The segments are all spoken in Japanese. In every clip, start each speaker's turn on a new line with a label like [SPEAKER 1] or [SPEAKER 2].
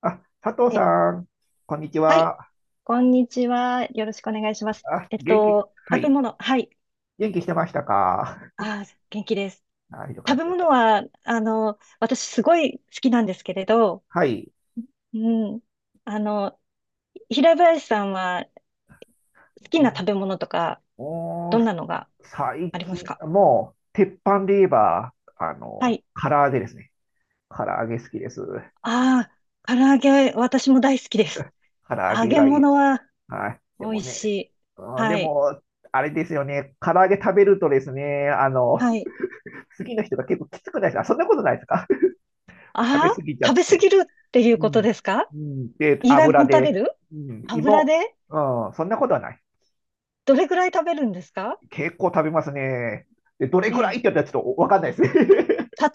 [SPEAKER 1] あ、佐藤
[SPEAKER 2] え、
[SPEAKER 1] さん、こんにち
[SPEAKER 2] はい。
[SPEAKER 1] は。
[SPEAKER 2] こんにちは。よろしくお願いします。
[SPEAKER 1] あ、元気、は
[SPEAKER 2] 食べ
[SPEAKER 1] い。
[SPEAKER 2] 物。はい。
[SPEAKER 1] 元気してましたか？
[SPEAKER 2] 元気です。
[SPEAKER 1] あ、よか
[SPEAKER 2] 食
[SPEAKER 1] っ
[SPEAKER 2] べ
[SPEAKER 1] たよかっ
[SPEAKER 2] 物
[SPEAKER 1] た。
[SPEAKER 2] は、私すごい好きなんですけれど、
[SPEAKER 1] はい。
[SPEAKER 2] うん。あの、平林さんは好き
[SPEAKER 1] う
[SPEAKER 2] な食
[SPEAKER 1] ん。
[SPEAKER 2] べ物とか、
[SPEAKER 1] お
[SPEAKER 2] ど
[SPEAKER 1] ー、
[SPEAKER 2] んなのが
[SPEAKER 1] 最
[SPEAKER 2] あります
[SPEAKER 1] 近、
[SPEAKER 2] か？
[SPEAKER 1] もう、鉄板で言えば、
[SPEAKER 2] はい。
[SPEAKER 1] 唐揚げですね。唐揚げ好きです。
[SPEAKER 2] ああ、唐揚げ、私も大好きです。
[SPEAKER 1] 唐揚
[SPEAKER 2] 揚
[SPEAKER 1] げ
[SPEAKER 2] げ
[SPEAKER 1] がいい。
[SPEAKER 2] 物は
[SPEAKER 1] はい。で
[SPEAKER 2] 美
[SPEAKER 1] も
[SPEAKER 2] 味し
[SPEAKER 1] ね、
[SPEAKER 2] い。
[SPEAKER 1] うん、で
[SPEAKER 2] はい。
[SPEAKER 1] も、あれですよね。唐揚げ食べるとですね、
[SPEAKER 2] はい。
[SPEAKER 1] 好きな人が結構きつくないですか？そんなことないですか？ 食べ
[SPEAKER 2] あ
[SPEAKER 1] 過
[SPEAKER 2] あ、
[SPEAKER 1] ぎちゃっ
[SPEAKER 2] 食べ過
[SPEAKER 1] て。
[SPEAKER 2] ぎるっていう
[SPEAKER 1] う
[SPEAKER 2] こと
[SPEAKER 1] ん、
[SPEAKER 2] ですか？
[SPEAKER 1] うん、で、
[SPEAKER 2] 胃が
[SPEAKER 1] 油
[SPEAKER 2] もたれ
[SPEAKER 1] で、
[SPEAKER 2] る。
[SPEAKER 1] うん。
[SPEAKER 2] 油
[SPEAKER 1] 芋、
[SPEAKER 2] で。
[SPEAKER 1] うん、そんなことはない。
[SPEAKER 2] どれぐらい食べるんですか？
[SPEAKER 1] 結構食べますね。で、どれ
[SPEAKER 2] え
[SPEAKER 1] くらいっ
[SPEAKER 2] え。
[SPEAKER 1] て言ったらちょっとわかんないですね。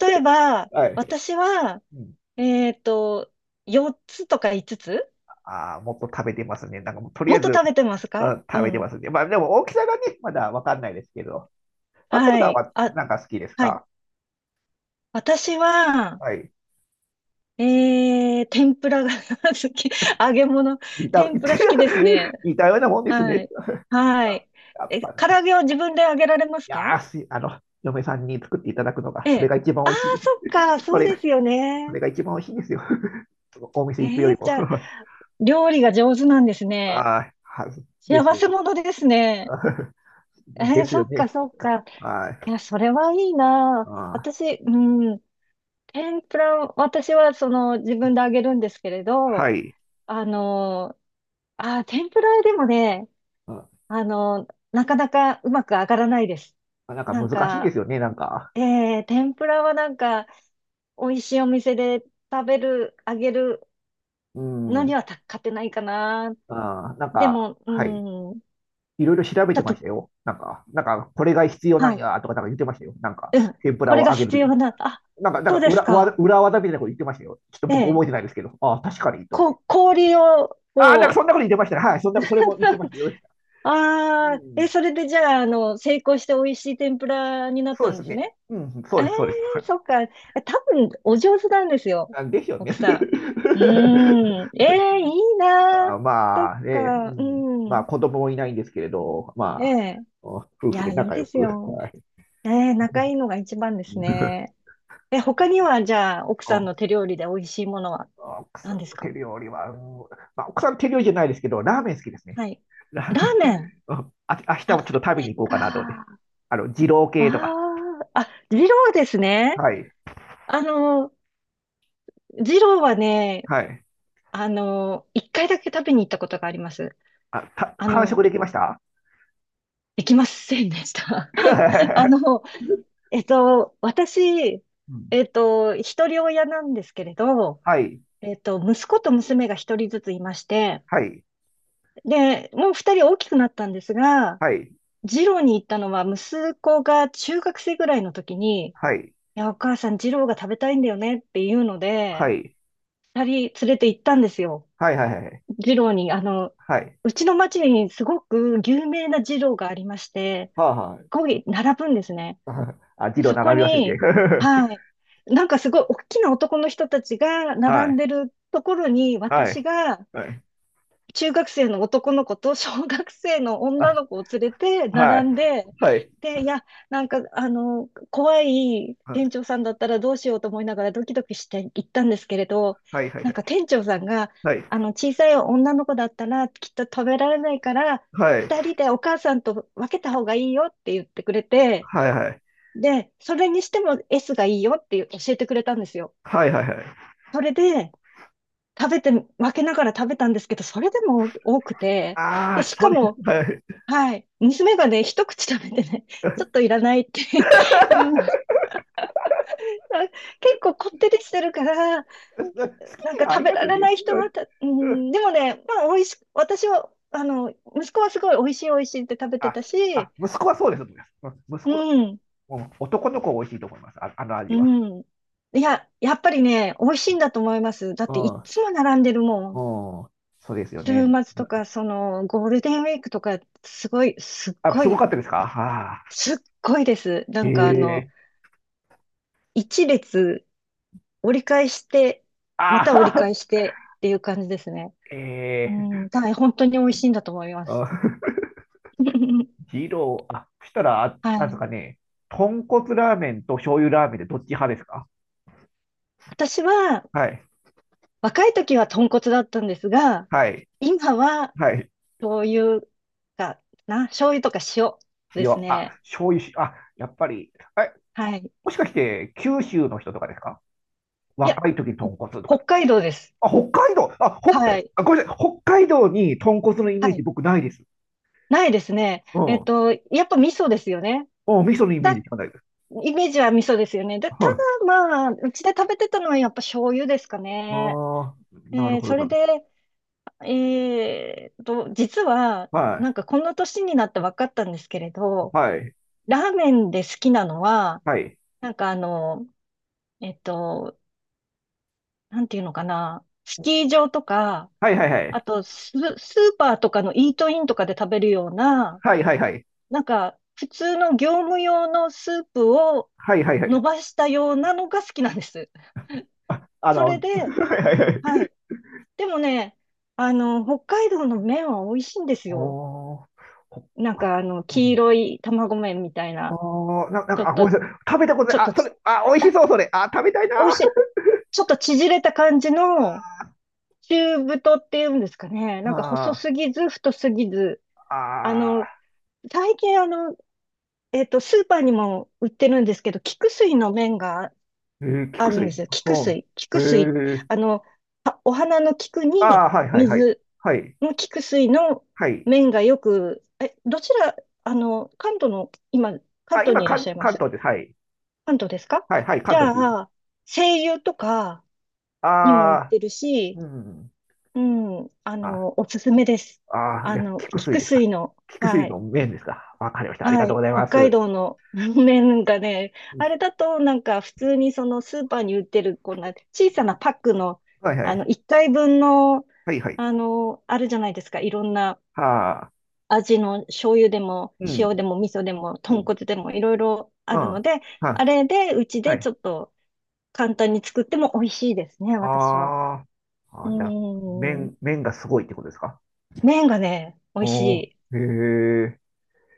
[SPEAKER 2] 例え ば、
[SPEAKER 1] はい。
[SPEAKER 2] 私は、
[SPEAKER 1] うん、
[SPEAKER 2] えっと、4つとか5つつ、
[SPEAKER 1] ああ、もっと食べてますね。なんかもうとり
[SPEAKER 2] も
[SPEAKER 1] あえ
[SPEAKER 2] っと
[SPEAKER 1] ず、
[SPEAKER 2] 食べてます
[SPEAKER 1] う
[SPEAKER 2] か？
[SPEAKER 1] ん、
[SPEAKER 2] う
[SPEAKER 1] 食べて
[SPEAKER 2] ん。
[SPEAKER 1] ますね。まあでも大きさがね、まだわかんないですけど。佐藤
[SPEAKER 2] は
[SPEAKER 1] さん
[SPEAKER 2] い。
[SPEAKER 1] は
[SPEAKER 2] あ、
[SPEAKER 1] なんか好きです
[SPEAKER 2] はい。
[SPEAKER 1] か？
[SPEAKER 2] 私は、
[SPEAKER 1] はい。
[SPEAKER 2] 天ぷらが 好き。揚げ物。
[SPEAKER 1] 似た、
[SPEAKER 2] 天
[SPEAKER 1] 似た
[SPEAKER 2] ぷら好きです ね。
[SPEAKER 1] 似たようなもんです
[SPEAKER 2] は
[SPEAKER 1] ね。
[SPEAKER 2] い。は
[SPEAKER 1] あ、
[SPEAKER 2] い。
[SPEAKER 1] やっぱ
[SPEAKER 2] 唐揚
[SPEAKER 1] ね。
[SPEAKER 2] げは自分で揚げられます
[SPEAKER 1] いや
[SPEAKER 2] か？
[SPEAKER 1] ーし、嫁さんに作っていただくのが、
[SPEAKER 2] え
[SPEAKER 1] それ
[SPEAKER 2] え。
[SPEAKER 1] が一番
[SPEAKER 2] あ
[SPEAKER 1] 美
[SPEAKER 2] あ、
[SPEAKER 1] 味しいで
[SPEAKER 2] そっか。
[SPEAKER 1] す。そ
[SPEAKER 2] そう
[SPEAKER 1] れが
[SPEAKER 2] ですよ
[SPEAKER 1] そ
[SPEAKER 2] ね。
[SPEAKER 1] れが一番美味しいんですよ。そのお店行くよ
[SPEAKER 2] え
[SPEAKER 1] り
[SPEAKER 2] え、じ
[SPEAKER 1] も。
[SPEAKER 2] ゃあ、料理が上手なんですね。
[SPEAKER 1] はい。はで
[SPEAKER 2] 幸
[SPEAKER 1] す。
[SPEAKER 2] せ者ですね。
[SPEAKER 1] です
[SPEAKER 2] そ
[SPEAKER 1] よ
[SPEAKER 2] っか
[SPEAKER 1] ね。
[SPEAKER 2] そっか。
[SPEAKER 1] は
[SPEAKER 2] い
[SPEAKER 1] い。
[SPEAKER 2] や、それはいい
[SPEAKER 1] あ
[SPEAKER 2] な。
[SPEAKER 1] ー、
[SPEAKER 2] 私、うん、天ぷら、私はその自分で揚げるんですけれ
[SPEAKER 1] は
[SPEAKER 2] ど、
[SPEAKER 1] い。
[SPEAKER 2] あの、天ぷらでもね、
[SPEAKER 1] うん、
[SPEAKER 2] なかなかうまく揚がらないです。
[SPEAKER 1] なんか
[SPEAKER 2] なん
[SPEAKER 1] 難しいんで
[SPEAKER 2] か、
[SPEAKER 1] すよね、なんか。
[SPEAKER 2] 天ぷらはなんか、美味しいお店で食べる、揚げる
[SPEAKER 1] う
[SPEAKER 2] のに
[SPEAKER 1] ん。
[SPEAKER 2] はた勝てないかな。
[SPEAKER 1] あー、なん
[SPEAKER 2] で
[SPEAKER 1] か、
[SPEAKER 2] も、
[SPEAKER 1] はい。
[SPEAKER 2] うん、
[SPEAKER 1] いろいろ調べ
[SPEAKER 2] ちょ
[SPEAKER 1] て
[SPEAKER 2] っ
[SPEAKER 1] ま
[SPEAKER 2] と、
[SPEAKER 1] したよ。なんか、これが必要な
[SPEAKER 2] は
[SPEAKER 1] ん
[SPEAKER 2] い。
[SPEAKER 1] やとか、なんか言ってましたよ。なんか、
[SPEAKER 2] うん。
[SPEAKER 1] 天ぷ
[SPEAKER 2] こ
[SPEAKER 1] ら
[SPEAKER 2] れ
[SPEAKER 1] を
[SPEAKER 2] が
[SPEAKER 1] 揚げる
[SPEAKER 2] 必
[SPEAKER 1] とき。
[SPEAKER 2] 要な、あ、
[SPEAKER 1] なんか、
[SPEAKER 2] そうですか。
[SPEAKER 1] 裏技みたいなこと言ってましたよ。ちょっと
[SPEAKER 2] え
[SPEAKER 1] 僕
[SPEAKER 2] え。
[SPEAKER 1] 覚えてないですけど。ああ、確かに、と思って。
[SPEAKER 2] 氷を、
[SPEAKER 1] ああ、なんかそ
[SPEAKER 2] こ
[SPEAKER 1] んなこと言
[SPEAKER 2] う、
[SPEAKER 1] ってましたね。はい、そんな、それも言ってましたよ。う
[SPEAKER 2] ああ、
[SPEAKER 1] ん、
[SPEAKER 2] それでじゃあ、成功して美味しい天ぷらになっ
[SPEAKER 1] そう
[SPEAKER 2] た
[SPEAKER 1] で
[SPEAKER 2] ん
[SPEAKER 1] す
[SPEAKER 2] です
[SPEAKER 1] ね。
[SPEAKER 2] ね。
[SPEAKER 1] うん、そう
[SPEAKER 2] え
[SPEAKER 1] で
[SPEAKER 2] え、
[SPEAKER 1] す、そうです。はい。
[SPEAKER 2] そっか。多分、お上手なんですよ。
[SPEAKER 1] ですよ
[SPEAKER 2] 奥
[SPEAKER 1] ね。
[SPEAKER 2] さん。うーん。ええ、いいな
[SPEAKER 1] まあ、
[SPEAKER 2] ー。そ
[SPEAKER 1] ま
[SPEAKER 2] っ
[SPEAKER 1] あね、
[SPEAKER 2] か。う
[SPEAKER 1] まあ
[SPEAKER 2] ん。
[SPEAKER 1] 子供もいないんですけれど、
[SPEAKER 2] え
[SPEAKER 1] まあ、
[SPEAKER 2] え。
[SPEAKER 1] 夫
[SPEAKER 2] い
[SPEAKER 1] 婦で
[SPEAKER 2] や、いい
[SPEAKER 1] 仲良
[SPEAKER 2] です
[SPEAKER 1] く。
[SPEAKER 2] よ。
[SPEAKER 1] はい。
[SPEAKER 2] ええ、
[SPEAKER 1] う。
[SPEAKER 2] 仲いいのが一番ですね。他には、じゃあ、奥さんの手料理で美味しいものは
[SPEAKER 1] 奥さ
[SPEAKER 2] 何で
[SPEAKER 1] ん
[SPEAKER 2] す
[SPEAKER 1] の
[SPEAKER 2] か？
[SPEAKER 1] 手料理は、まあ、奥さん手料理じゃないですけど、ラーメン好きですね。
[SPEAKER 2] はい。ラーメン。
[SPEAKER 1] うん。あ、明日
[SPEAKER 2] ラ
[SPEAKER 1] もちょっと
[SPEAKER 2] ー
[SPEAKER 1] 食べ
[SPEAKER 2] メ
[SPEAKER 1] に
[SPEAKER 2] ン
[SPEAKER 1] 行こうかなと思っ
[SPEAKER 2] か。
[SPEAKER 1] て。
[SPEAKER 2] あ
[SPEAKER 1] 二郎系とか。
[SPEAKER 2] あ、あ、二郎ですね。
[SPEAKER 1] はい。
[SPEAKER 2] あの、二郎はね、
[SPEAKER 1] はい。
[SPEAKER 2] 一回だけ食べに行ったことがあります。
[SPEAKER 1] あ、
[SPEAKER 2] あ
[SPEAKER 1] 完
[SPEAKER 2] の、
[SPEAKER 1] 食できました
[SPEAKER 2] できませんでした。あの、私、一人親なんですけれど、息子と娘が一人ずついまして、
[SPEAKER 1] はい。
[SPEAKER 2] で、もう二人大きくなったんですが、
[SPEAKER 1] はい。
[SPEAKER 2] 二郎に行ったのは息子が中学生ぐらいの時に、い
[SPEAKER 1] はい。
[SPEAKER 2] や、お母さん、二郎が食べたいんだよねっていうの
[SPEAKER 1] は
[SPEAKER 2] で、
[SPEAKER 1] い。
[SPEAKER 2] 二人連れて行ったんですよ。
[SPEAKER 1] はい。はい。はい。はい。はい。
[SPEAKER 2] 二郎に、
[SPEAKER 1] はい。
[SPEAKER 2] うちの町にすごく有名な二郎がありまして、
[SPEAKER 1] はい。はい。
[SPEAKER 2] ここに並ぶんですね。
[SPEAKER 1] あ、字の
[SPEAKER 2] そこ
[SPEAKER 1] 並び忘れて。
[SPEAKER 2] に、はい。なんかすごい大きな男の人たちが
[SPEAKER 1] は
[SPEAKER 2] 並ん
[SPEAKER 1] い。
[SPEAKER 2] でるところに、
[SPEAKER 1] は
[SPEAKER 2] 私
[SPEAKER 1] い。
[SPEAKER 2] が
[SPEAKER 1] はい。
[SPEAKER 2] 中学生の男の子と小学生の女
[SPEAKER 1] あ、
[SPEAKER 2] の子を連れて
[SPEAKER 1] は
[SPEAKER 2] 並
[SPEAKER 1] い。
[SPEAKER 2] んで、
[SPEAKER 1] はい。
[SPEAKER 2] で、いや、なんか、怖い
[SPEAKER 1] は
[SPEAKER 2] 店
[SPEAKER 1] い。
[SPEAKER 2] 長さんだったらどうしようと思いながらドキドキして行ったんですけれど、
[SPEAKER 1] はい。は
[SPEAKER 2] なんか店長さんが、
[SPEAKER 1] い。
[SPEAKER 2] 小さい女の子だったらきっと食べられないから、
[SPEAKER 1] はい。
[SPEAKER 2] 二人でお母さんと分けた方がいいよって言ってくれて、
[SPEAKER 1] はい。は
[SPEAKER 2] で、それにしても S がいいよって教えてくれたんですよ。
[SPEAKER 1] い。はい。はい。はい。
[SPEAKER 2] それで、食べて、分けながら食べたんですけど、それでも多くて、
[SPEAKER 1] あ
[SPEAKER 2] で、
[SPEAKER 1] あ、
[SPEAKER 2] し
[SPEAKER 1] そ
[SPEAKER 2] か
[SPEAKER 1] れ、
[SPEAKER 2] も、
[SPEAKER 1] はい。
[SPEAKER 2] はい、娘がね、一口食べてね、ちょっといらないって いうのが、結構こってりしてるから、
[SPEAKER 1] 好
[SPEAKER 2] な
[SPEAKER 1] き
[SPEAKER 2] ん
[SPEAKER 1] 嫌
[SPEAKER 2] か
[SPEAKER 1] いあ
[SPEAKER 2] 食
[SPEAKER 1] り
[SPEAKER 2] べ
[SPEAKER 1] ます
[SPEAKER 2] ら
[SPEAKER 1] よ
[SPEAKER 2] れ
[SPEAKER 1] ね。
[SPEAKER 2] な い
[SPEAKER 1] う
[SPEAKER 2] 人
[SPEAKER 1] ん。
[SPEAKER 2] はた、う
[SPEAKER 1] うん。
[SPEAKER 2] ん、でもね、まあ、美味し、私は、息子はすごい美味しい美味しいって食べて
[SPEAKER 1] あ、
[SPEAKER 2] た
[SPEAKER 1] あ、
[SPEAKER 2] し、
[SPEAKER 1] 息子はそうです。うん、息
[SPEAKER 2] う
[SPEAKER 1] 子は、
[SPEAKER 2] ん、
[SPEAKER 1] うん、男の子は美味しいと思います。あ、あの味
[SPEAKER 2] う
[SPEAKER 1] は。
[SPEAKER 2] ん。いや、やっぱりね、美味しいんだと思います。だっ
[SPEAKER 1] う
[SPEAKER 2] ていっ
[SPEAKER 1] ん。
[SPEAKER 2] つも並んでるも
[SPEAKER 1] う
[SPEAKER 2] ん。
[SPEAKER 1] ん。そうですよ
[SPEAKER 2] 週
[SPEAKER 1] ね。
[SPEAKER 2] 末とか、その、ゴールデンウィークとか、すごい、すっ
[SPEAKER 1] あ、
[SPEAKER 2] ご
[SPEAKER 1] すご
[SPEAKER 2] い、
[SPEAKER 1] かったですか？ああ
[SPEAKER 2] すっごいです。な
[SPEAKER 1] ー。
[SPEAKER 2] んかあの、
[SPEAKER 1] ええ。
[SPEAKER 2] 一列折り返して、また折
[SPEAKER 1] あ
[SPEAKER 2] り
[SPEAKER 1] あ。
[SPEAKER 2] 返してっていう感じですね。う
[SPEAKER 1] ええ。
[SPEAKER 2] ん、はい、本当に美味しいんだと思います。
[SPEAKER 1] あ、 二郎、あ、そしたら、あ、
[SPEAKER 2] は
[SPEAKER 1] なんです
[SPEAKER 2] い。
[SPEAKER 1] かね、豚骨ラーメンと醤油ラーメンでどっち派ですか？
[SPEAKER 2] 私は、
[SPEAKER 1] はい、
[SPEAKER 2] 若い時は豚骨だったんですが、
[SPEAKER 1] はい、
[SPEAKER 2] 今は、
[SPEAKER 1] はい。
[SPEAKER 2] 醤油かな、醤油とか塩です
[SPEAKER 1] 塩、あ、
[SPEAKER 2] ね。
[SPEAKER 1] 醤油し、あ、やっぱり、え、
[SPEAKER 2] はい。
[SPEAKER 1] もしかして九州の人とかですか？
[SPEAKER 2] いや、
[SPEAKER 1] 若い時に豚
[SPEAKER 2] ほ
[SPEAKER 1] 骨とかか。
[SPEAKER 2] 北海道です。
[SPEAKER 1] あ、北海道、あ、ほ、
[SPEAKER 2] はい。
[SPEAKER 1] あ、ごめんなさい、北海道に豚骨のイメ
[SPEAKER 2] は
[SPEAKER 1] ージ
[SPEAKER 2] い。
[SPEAKER 1] 僕ないです。
[SPEAKER 2] ないですね。
[SPEAKER 1] うん。
[SPEAKER 2] やっぱ味噌ですよね。
[SPEAKER 1] うん、味噌のイメ
[SPEAKER 2] た、
[SPEAKER 1] ージしかないです。
[SPEAKER 2] イメージは味噌ですよね。で、た
[SPEAKER 1] はい。
[SPEAKER 2] だまあ、うちで食べてたのはやっぱ醤油ですかね。
[SPEAKER 1] ああ、なるほど
[SPEAKER 2] それ
[SPEAKER 1] な。
[SPEAKER 2] で、実は、
[SPEAKER 1] は
[SPEAKER 2] な
[SPEAKER 1] い、
[SPEAKER 2] んかこの年になって分かったんですけれど、
[SPEAKER 1] はい、
[SPEAKER 2] ラーメンで好きなのは、
[SPEAKER 1] はい。
[SPEAKER 2] なんかあの、えっと、なんていうのかな、スキー場とか、
[SPEAKER 1] はい、はい、は
[SPEAKER 2] あ
[SPEAKER 1] い。
[SPEAKER 2] とスーパーとかのイートインとかで食べるような、
[SPEAKER 1] はい、はい、はい。
[SPEAKER 2] なんか、普通の業務用のスープを
[SPEAKER 1] はい、はい、はい。
[SPEAKER 2] 伸ばしたようなのが好きなんです。
[SPEAKER 1] あ
[SPEAKER 2] それ
[SPEAKER 1] の、
[SPEAKER 2] で、
[SPEAKER 1] はい、はい、はい。
[SPEAKER 2] はい。でもね、北海道の麺は美味しいんですよ。
[SPEAKER 1] おー、そっ
[SPEAKER 2] なん
[SPEAKER 1] か。
[SPEAKER 2] かあの、
[SPEAKER 1] う
[SPEAKER 2] 黄
[SPEAKER 1] ん。
[SPEAKER 2] 色い卵麺みたいな、
[SPEAKER 1] おー、な、なん
[SPEAKER 2] ちょ
[SPEAKER 1] か、あ、
[SPEAKER 2] っ
[SPEAKER 1] ごめ
[SPEAKER 2] と、
[SPEAKER 1] んなさい。食べたこと
[SPEAKER 2] ちょっ
[SPEAKER 1] ない。あ、
[SPEAKER 2] と
[SPEAKER 1] それ、
[SPEAKER 2] ち、
[SPEAKER 1] あ、美味し
[SPEAKER 2] あ、
[SPEAKER 1] そう、それ。あ、食べたいな。
[SPEAKER 2] 美味しい。ちょっと縮れた感じの、中太っていうんですかね。なんか細
[SPEAKER 1] ああ。
[SPEAKER 2] すぎず、太すぎず。あ
[SPEAKER 1] あ
[SPEAKER 2] の、
[SPEAKER 1] あ。
[SPEAKER 2] 最近スーパーにも売ってるんですけど、菊水の麺が
[SPEAKER 1] えー、
[SPEAKER 2] あ
[SPEAKER 1] 菊
[SPEAKER 2] るんで
[SPEAKER 1] 水。
[SPEAKER 2] すよ。菊
[SPEAKER 1] う
[SPEAKER 2] 水。菊水。
[SPEAKER 1] ん。へえ。
[SPEAKER 2] あの、お花の菊
[SPEAKER 1] あ
[SPEAKER 2] に
[SPEAKER 1] あ、はい、はい、はい。
[SPEAKER 2] 水
[SPEAKER 1] はい、
[SPEAKER 2] の菊水の
[SPEAKER 1] はい。
[SPEAKER 2] 面がよく、どちら、関東の、今、関
[SPEAKER 1] あ、
[SPEAKER 2] 東
[SPEAKER 1] 今、
[SPEAKER 2] にいらっし
[SPEAKER 1] 関、
[SPEAKER 2] ゃいま
[SPEAKER 1] 関
[SPEAKER 2] す
[SPEAKER 1] 東です。はい。
[SPEAKER 2] 関東ですか？
[SPEAKER 1] はい、はい、
[SPEAKER 2] じ
[SPEAKER 1] 関東で
[SPEAKER 2] ゃ
[SPEAKER 1] す。
[SPEAKER 2] あ、精油とか
[SPEAKER 1] あ
[SPEAKER 2] にも売っ
[SPEAKER 1] あ、
[SPEAKER 2] てるし、
[SPEAKER 1] うん。
[SPEAKER 2] うん、
[SPEAKER 1] あ、
[SPEAKER 2] おすすめです。
[SPEAKER 1] ああ、じゃあ、菊水
[SPEAKER 2] 菊
[SPEAKER 1] ですか。
[SPEAKER 2] 水の、
[SPEAKER 1] 菊水
[SPEAKER 2] は
[SPEAKER 1] の
[SPEAKER 2] い。
[SPEAKER 1] 麺ですか。わかりました。ありが
[SPEAKER 2] は
[SPEAKER 1] とうご
[SPEAKER 2] い、
[SPEAKER 1] ざい
[SPEAKER 2] 北
[SPEAKER 1] ま
[SPEAKER 2] 海
[SPEAKER 1] す。
[SPEAKER 2] 道の 麺がね、
[SPEAKER 1] う
[SPEAKER 2] あ
[SPEAKER 1] ん。
[SPEAKER 2] れだとなんか普通にそのスーパーに売ってるこんな小さなパックの、
[SPEAKER 1] はい、はい。
[SPEAKER 2] 1回分の、
[SPEAKER 1] はい、はい。
[SPEAKER 2] あるじゃないですか、いろんな
[SPEAKER 1] はあ。
[SPEAKER 2] 味の醤油でも
[SPEAKER 1] う
[SPEAKER 2] 塩
[SPEAKER 1] ん。
[SPEAKER 2] でも味噌でも
[SPEAKER 1] う
[SPEAKER 2] 豚
[SPEAKER 1] ん。
[SPEAKER 2] 骨でもいろいろ
[SPEAKER 1] う
[SPEAKER 2] あ
[SPEAKER 1] ん。
[SPEAKER 2] るので、あ
[SPEAKER 1] は、
[SPEAKER 2] れでうち
[SPEAKER 1] は
[SPEAKER 2] でち
[SPEAKER 1] い。
[SPEAKER 2] ょっと簡単に作っても美味しいですね、私は。
[SPEAKER 1] あー。
[SPEAKER 2] う
[SPEAKER 1] あー、じゃあ、
[SPEAKER 2] ーん、
[SPEAKER 1] 麺、麺がすごいってことですか？
[SPEAKER 2] 麺がね、美味し
[SPEAKER 1] お
[SPEAKER 2] い。
[SPEAKER 1] ー、へえ。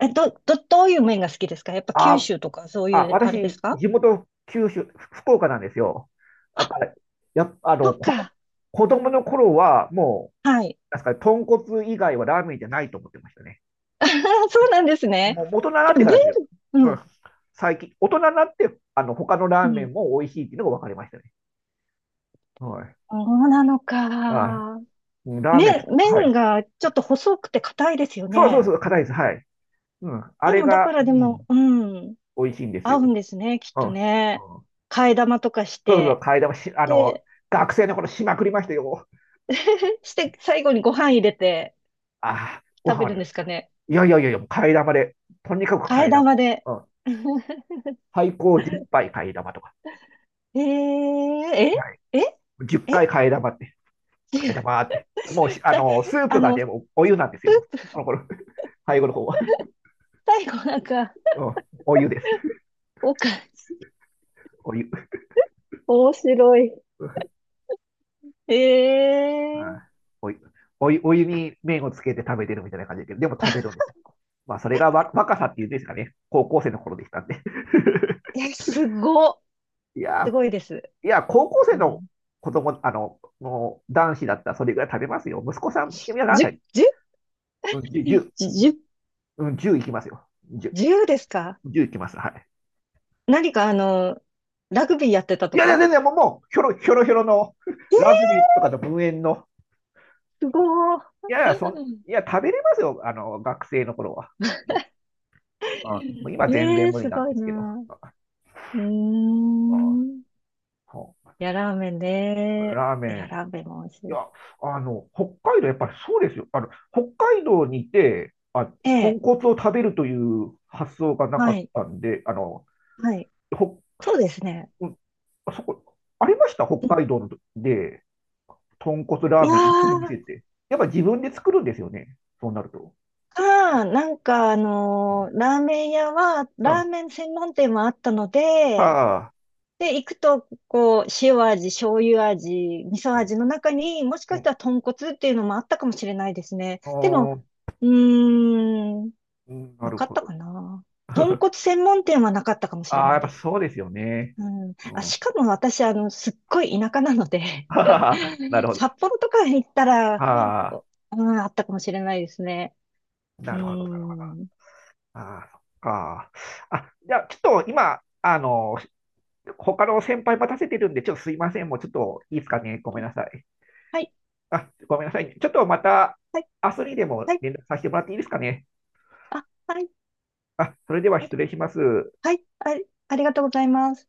[SPEAKER 2] え、ど、ど、どういう麺が好きですか？やっぱ九
[SPEAKER 1] あ、
[SPEAKER 2] 州とかそうい
[SPEAKER 1] あ、
[SPEAKER 2] うあれです
[SPEAKER 1] 私、
[SPEAKER 2] か？
[SPEAKER 1] 地元、九州、福岡なんですよ。だ
[SPEAKER 2] あ、
[SPEAKER 1] から、やっぱ、
[SPEAKER 2] そっか。
[SPEAKER 1] 子供の頃は、もう、
[SPEAKER 2] はい。
[SPEAKER 1] なんすかね、豚骨以外はラーメンじゃないと思ってましたね。
[SPEAKER 2] そうなんですね。
[SPEAKER 1] もう、大人になっ
[SPEAKER 2] で
[SPEAKER 1] て
[SPEAKER 2] も
[SPEAKER 1] か
[SPEAKER 2] 麺、
[SPEAKER 1] らですよ。う
[SPEAKER 2] う
[SPEAKER 1] ん。
[SPEAKER 2] ん、
[SPEAKER 1] 最近、大人になって、他のラ
[SPEAKER 2] う
[SPEAKER 1] ーメン
[SPEAKER 2] ん。
[SPEAKER 1] も美味しいっていうのが分かりましたね。はい。
[SPEAKER 2] そうなの
[SPEAKER 1] あ、
[SPEAKER 2] か。
[SPEAKER 1] うん。ラーメン、ちょ
[SPEAKER 2] 麺、
[SPEAKER 1] っと、は
[SPEAKER 2] 麺
[SPEAKER 1] い。
[SPEAKER 2] がちょっと細くて硬いですよ
[SPEAKER 1] そうそう
[SPEAKER 2] ね。
[SPEAKER 1] そう、硬いです。はい。うん。あ
[SPEAKER 2] で
[SPEAKER 1] れ
[SPEAKER 2] も、だか
[SPEAKER 1] が、
[SPEAKER 2] らで
[SPEAKER 1] うん、
[SPEAKER 2] も、うん、
[SPEAKER 1] 美味しいんです
[SPEAKER 2] 合
[SPEAKER 1] よ。
[SPEAKER 2] うんですね、きっ
[SPEAKER 1] うん。
[SPEAKER 2] と
[SPEAKER 1] うん。
[SPEAKER 2] ね。替え玉とかし
[SPEAKER 1] そうそう、
[SPEAKER 2] て。
[SPEAKER 1] 替え玉し、
[SPEAKER 2] で、
[SPEAKER 1] 学生の頃しまくりましたよ。
[SPEAKER 2] して、最後にご飯入れて
[SPEAKER 1] ああ、ご
[SPEAKER 2] 食
[SPEAKER 1] 飯
[SPEAKER 2] べ
[SPEAKER 1] は
[SPEAKER 2] る
[SPEAKER 1] ね、
[SPEAKER 2] んですかね。
[SPEAKER 1] いやいやいやいや、替え玉で、とにかく
[SPEAKER 2] 替
[SPEAKER 1] 替
[SPEAKER 2] え
[SPEAKER 1] え玉。
[SPEAKER 2] 玉で。
[SPEAKER 1] うん。最高10杯替え玉とか。
[SPEAKER 2] えー、
[SPEAKER 1] は
[SPEAKER 2] え、
[SPEAKER 1] い。
[SPEAKER 2] え、
[SPEAKER 1] 10
[SPEAKER 2] え、
[SPEAKER 1] 回 替え玉って、替え玉って。もうし、
[SPEAKER 2] さ
[SPEAKER 1] スープが
[SPEAKER 2] ス
[SPEAKER 1] で
[SPEAKER 2] ー
[SPEAKER 1] もお湯なんですよ、もう。
[SPEAKER 2] プ、
[SPEAKER 1] あの頃、最後の方は。
[SPEAKER 2] 最後なんか、
[SPEAKER 1] うん。お湯です。
[SPEAKER 2] おか、
[SPEAKER 1] お湯。
[SPEAKER 2] 面白い。え
[SPEAKER 1] うん。
[SPEAKER 2] え
[SPEAKER 1] お湯。お湯、お湯に麺をつけて食べてるみたいな感じだけど、でも食べるんです。まあ、それがわ若さっていうんですかね。高校生の頃でしたんで。
[SPEAKER 2] ー、
[SPEAKER 1] いや
[SPEAKER 2] すごい
[SPEAKER 1] ー、
[SPEAKER 2] です。
[SPEAKER 1] いや、高校
[SPEAKER 2] う
[SPEAKER 1] 生の
[SPEAKER 2] ん。
[SPEAKER 1] 子供、男子だったらそれぐらい食べますよ。息子さん、今何歳？
[SPEAKER 2] 十、十、
[SPEAKER 1] うん、
[SPEAKER 2] 十、
[SPEAKER 1] 10、うん、10いきますよ。
[SPEAKER 2] 十ですか？
[SPEAKER 1] 10、じゅういきます。はい。
[SPEAKER 2] 何かラグビーやってた
[SPEAKER 1] い
[SPEAKER 2] と
[SPEAKER 1] やいや、
[SPEAKER 2] か？
[SPEAKER 1] 全然もう、もうひょろひょろひょろの ラグビーとかの文縁の。
[SPEAKER 2] すごー。
[SPEAKER 1] いやいや、そ、い や、食べれますよ。学生の頃は。うん、もう今
[SPEAKER 2] え
[SPEAKER 1] 全
[SPEAKER 2] え
[SPEAKER 1] 然
[SPEAKER 2] ー、
[SPEAKER 1] 無理
[SPEAKER 2] す
[SPEAKER 1] なん
[SPEAKER 2] ごい
[SPEAKER 1] ですけど。
[SPEAKER 2] な。うーん。い
[SPEAKER 1] うん。
[SPEAKER 2] や、ラーメンね。
[SPEAKER 1] ラーメ
[SPEAKER 2] いや、
[SPEAKER 1] ン、
[SPEAKER 2] ラーメンも美味し
[SPEAKER 1] いや、
[SPEAKER 2] い。
[SPEAKER 1] 北海道、やっぱりそうですよ。北海道にいて、あ、
[SPEAKER 2] え
[SPEAKER 1] 豚
[SPEAKER 2] え、
[SPEAKER 1] 骨を食べるという発想がな
[SPEAKER 2] は
[SPEAKER 1] かっ
[SPEAKER 2] い、
[SPEAKER 1] たんで、
[SPEAKER 2] はい。
[SPEAKER 1] ほ、
[SPEAKER 2] そうですね。
[SPEAKER 1] うん。そこ、ありました、
[SPEAKER 2] う
[SPEAKER 1] 北
[SPEAKER 2] ん。
[SPEAKER 1] 海道ので、豚骨
[SPEAKER 2] い
[SPEAKER 1] ラー
[SPEAKER 2] や
[SPEAKER 1] メン売ってる
[SPEAKER 2] ー、
[SPEAKER 1] 店って。やっぱ自分で作るんですよね。そうなると。
[SPEAKER 2] なんかラーメン屋は、
[SPEAKER 1] う
[SPEAKER 2] ラ
[SPEAKER 1] ん。
[SPEAKER 2] ーメン専門店もあったので、
[SPEAKER 1] はあ。
[SPEAKER 2] で、行くと、こう、塩味、醤油味、味噌
[SPEAKER 1] うん。
[SPEAKER 2] 味の中に、もしか
[SPEAKER 1] う
[SPEAKER 2] し
[SPEAKER 1] ん。
[SPEAKER 2] たら豚骨っていうのもあったかもしれないですね。
[SPEAKER 1] お
[SPEAKER 2] でも、
[SPEAKER 1] ー。
[SPEAKER 2] うーん、
[SPEAKER 1] うん、な
[SPEAKER 2] な
[SPEAKER 1] る
[SPEAKER 2] かっ
[SPEAKER 1] ほ
[SPEAKER 2] た
[SPEAKER 1] ど。
[SPEAKER 2] かな。豚 骨専門店はなかったかもしれ
[SPEAKER 1] ああ、
[SPEAKER 2] な
[SPEAKER 1] や
[SPEAKER 2] い
[SPEAKER 1] っぱ
[SPEAKER 2] です。
[SPEAKER 1] そうですよね。
[SPEAKER 2] うん。
[SPEAKER 1] うん。
[SPEAKER 2] あ、
[SPEAKER 1] は
[SPEAKER 2] しかも私、すっごい田舎なので
[SPEAKER 1] ははな るほど。
[SPEAKER 2] 札幌とかに行ったら、
[SPEAKER 1] ああ、
[SPEAKER 2] おうん、あったかもしれないですね。う
[SPEAKER 1] なるほど。なるほど。
[SPEAKER 2] ん。
[SPEAKER 1] ああ、そっか。あ、じゃあ、ちょっと今、他の先輩待たせてるんで、ちょっとすいません。もうちょっといいですかね。ごめんなさい。
[SPEAKER 2] はい、
[SPEAKER 1] あ、ごめんなさいね。ちょっとまた、
[SPEAKER 2] はい、
[SPEAKER 1] 明日にでも
[SPEAKER 2] はい、
[SPEAKER 1] 連絡させてもらっていいですかね。
[SPEAKER 2] あ、はい、
[SPEAKER 1] あ、それでは
[SPEAKER 2] あ
[SPEAKER 1] 失礼します。
[SPEAKER 2] はい、あ、ありがとうございます。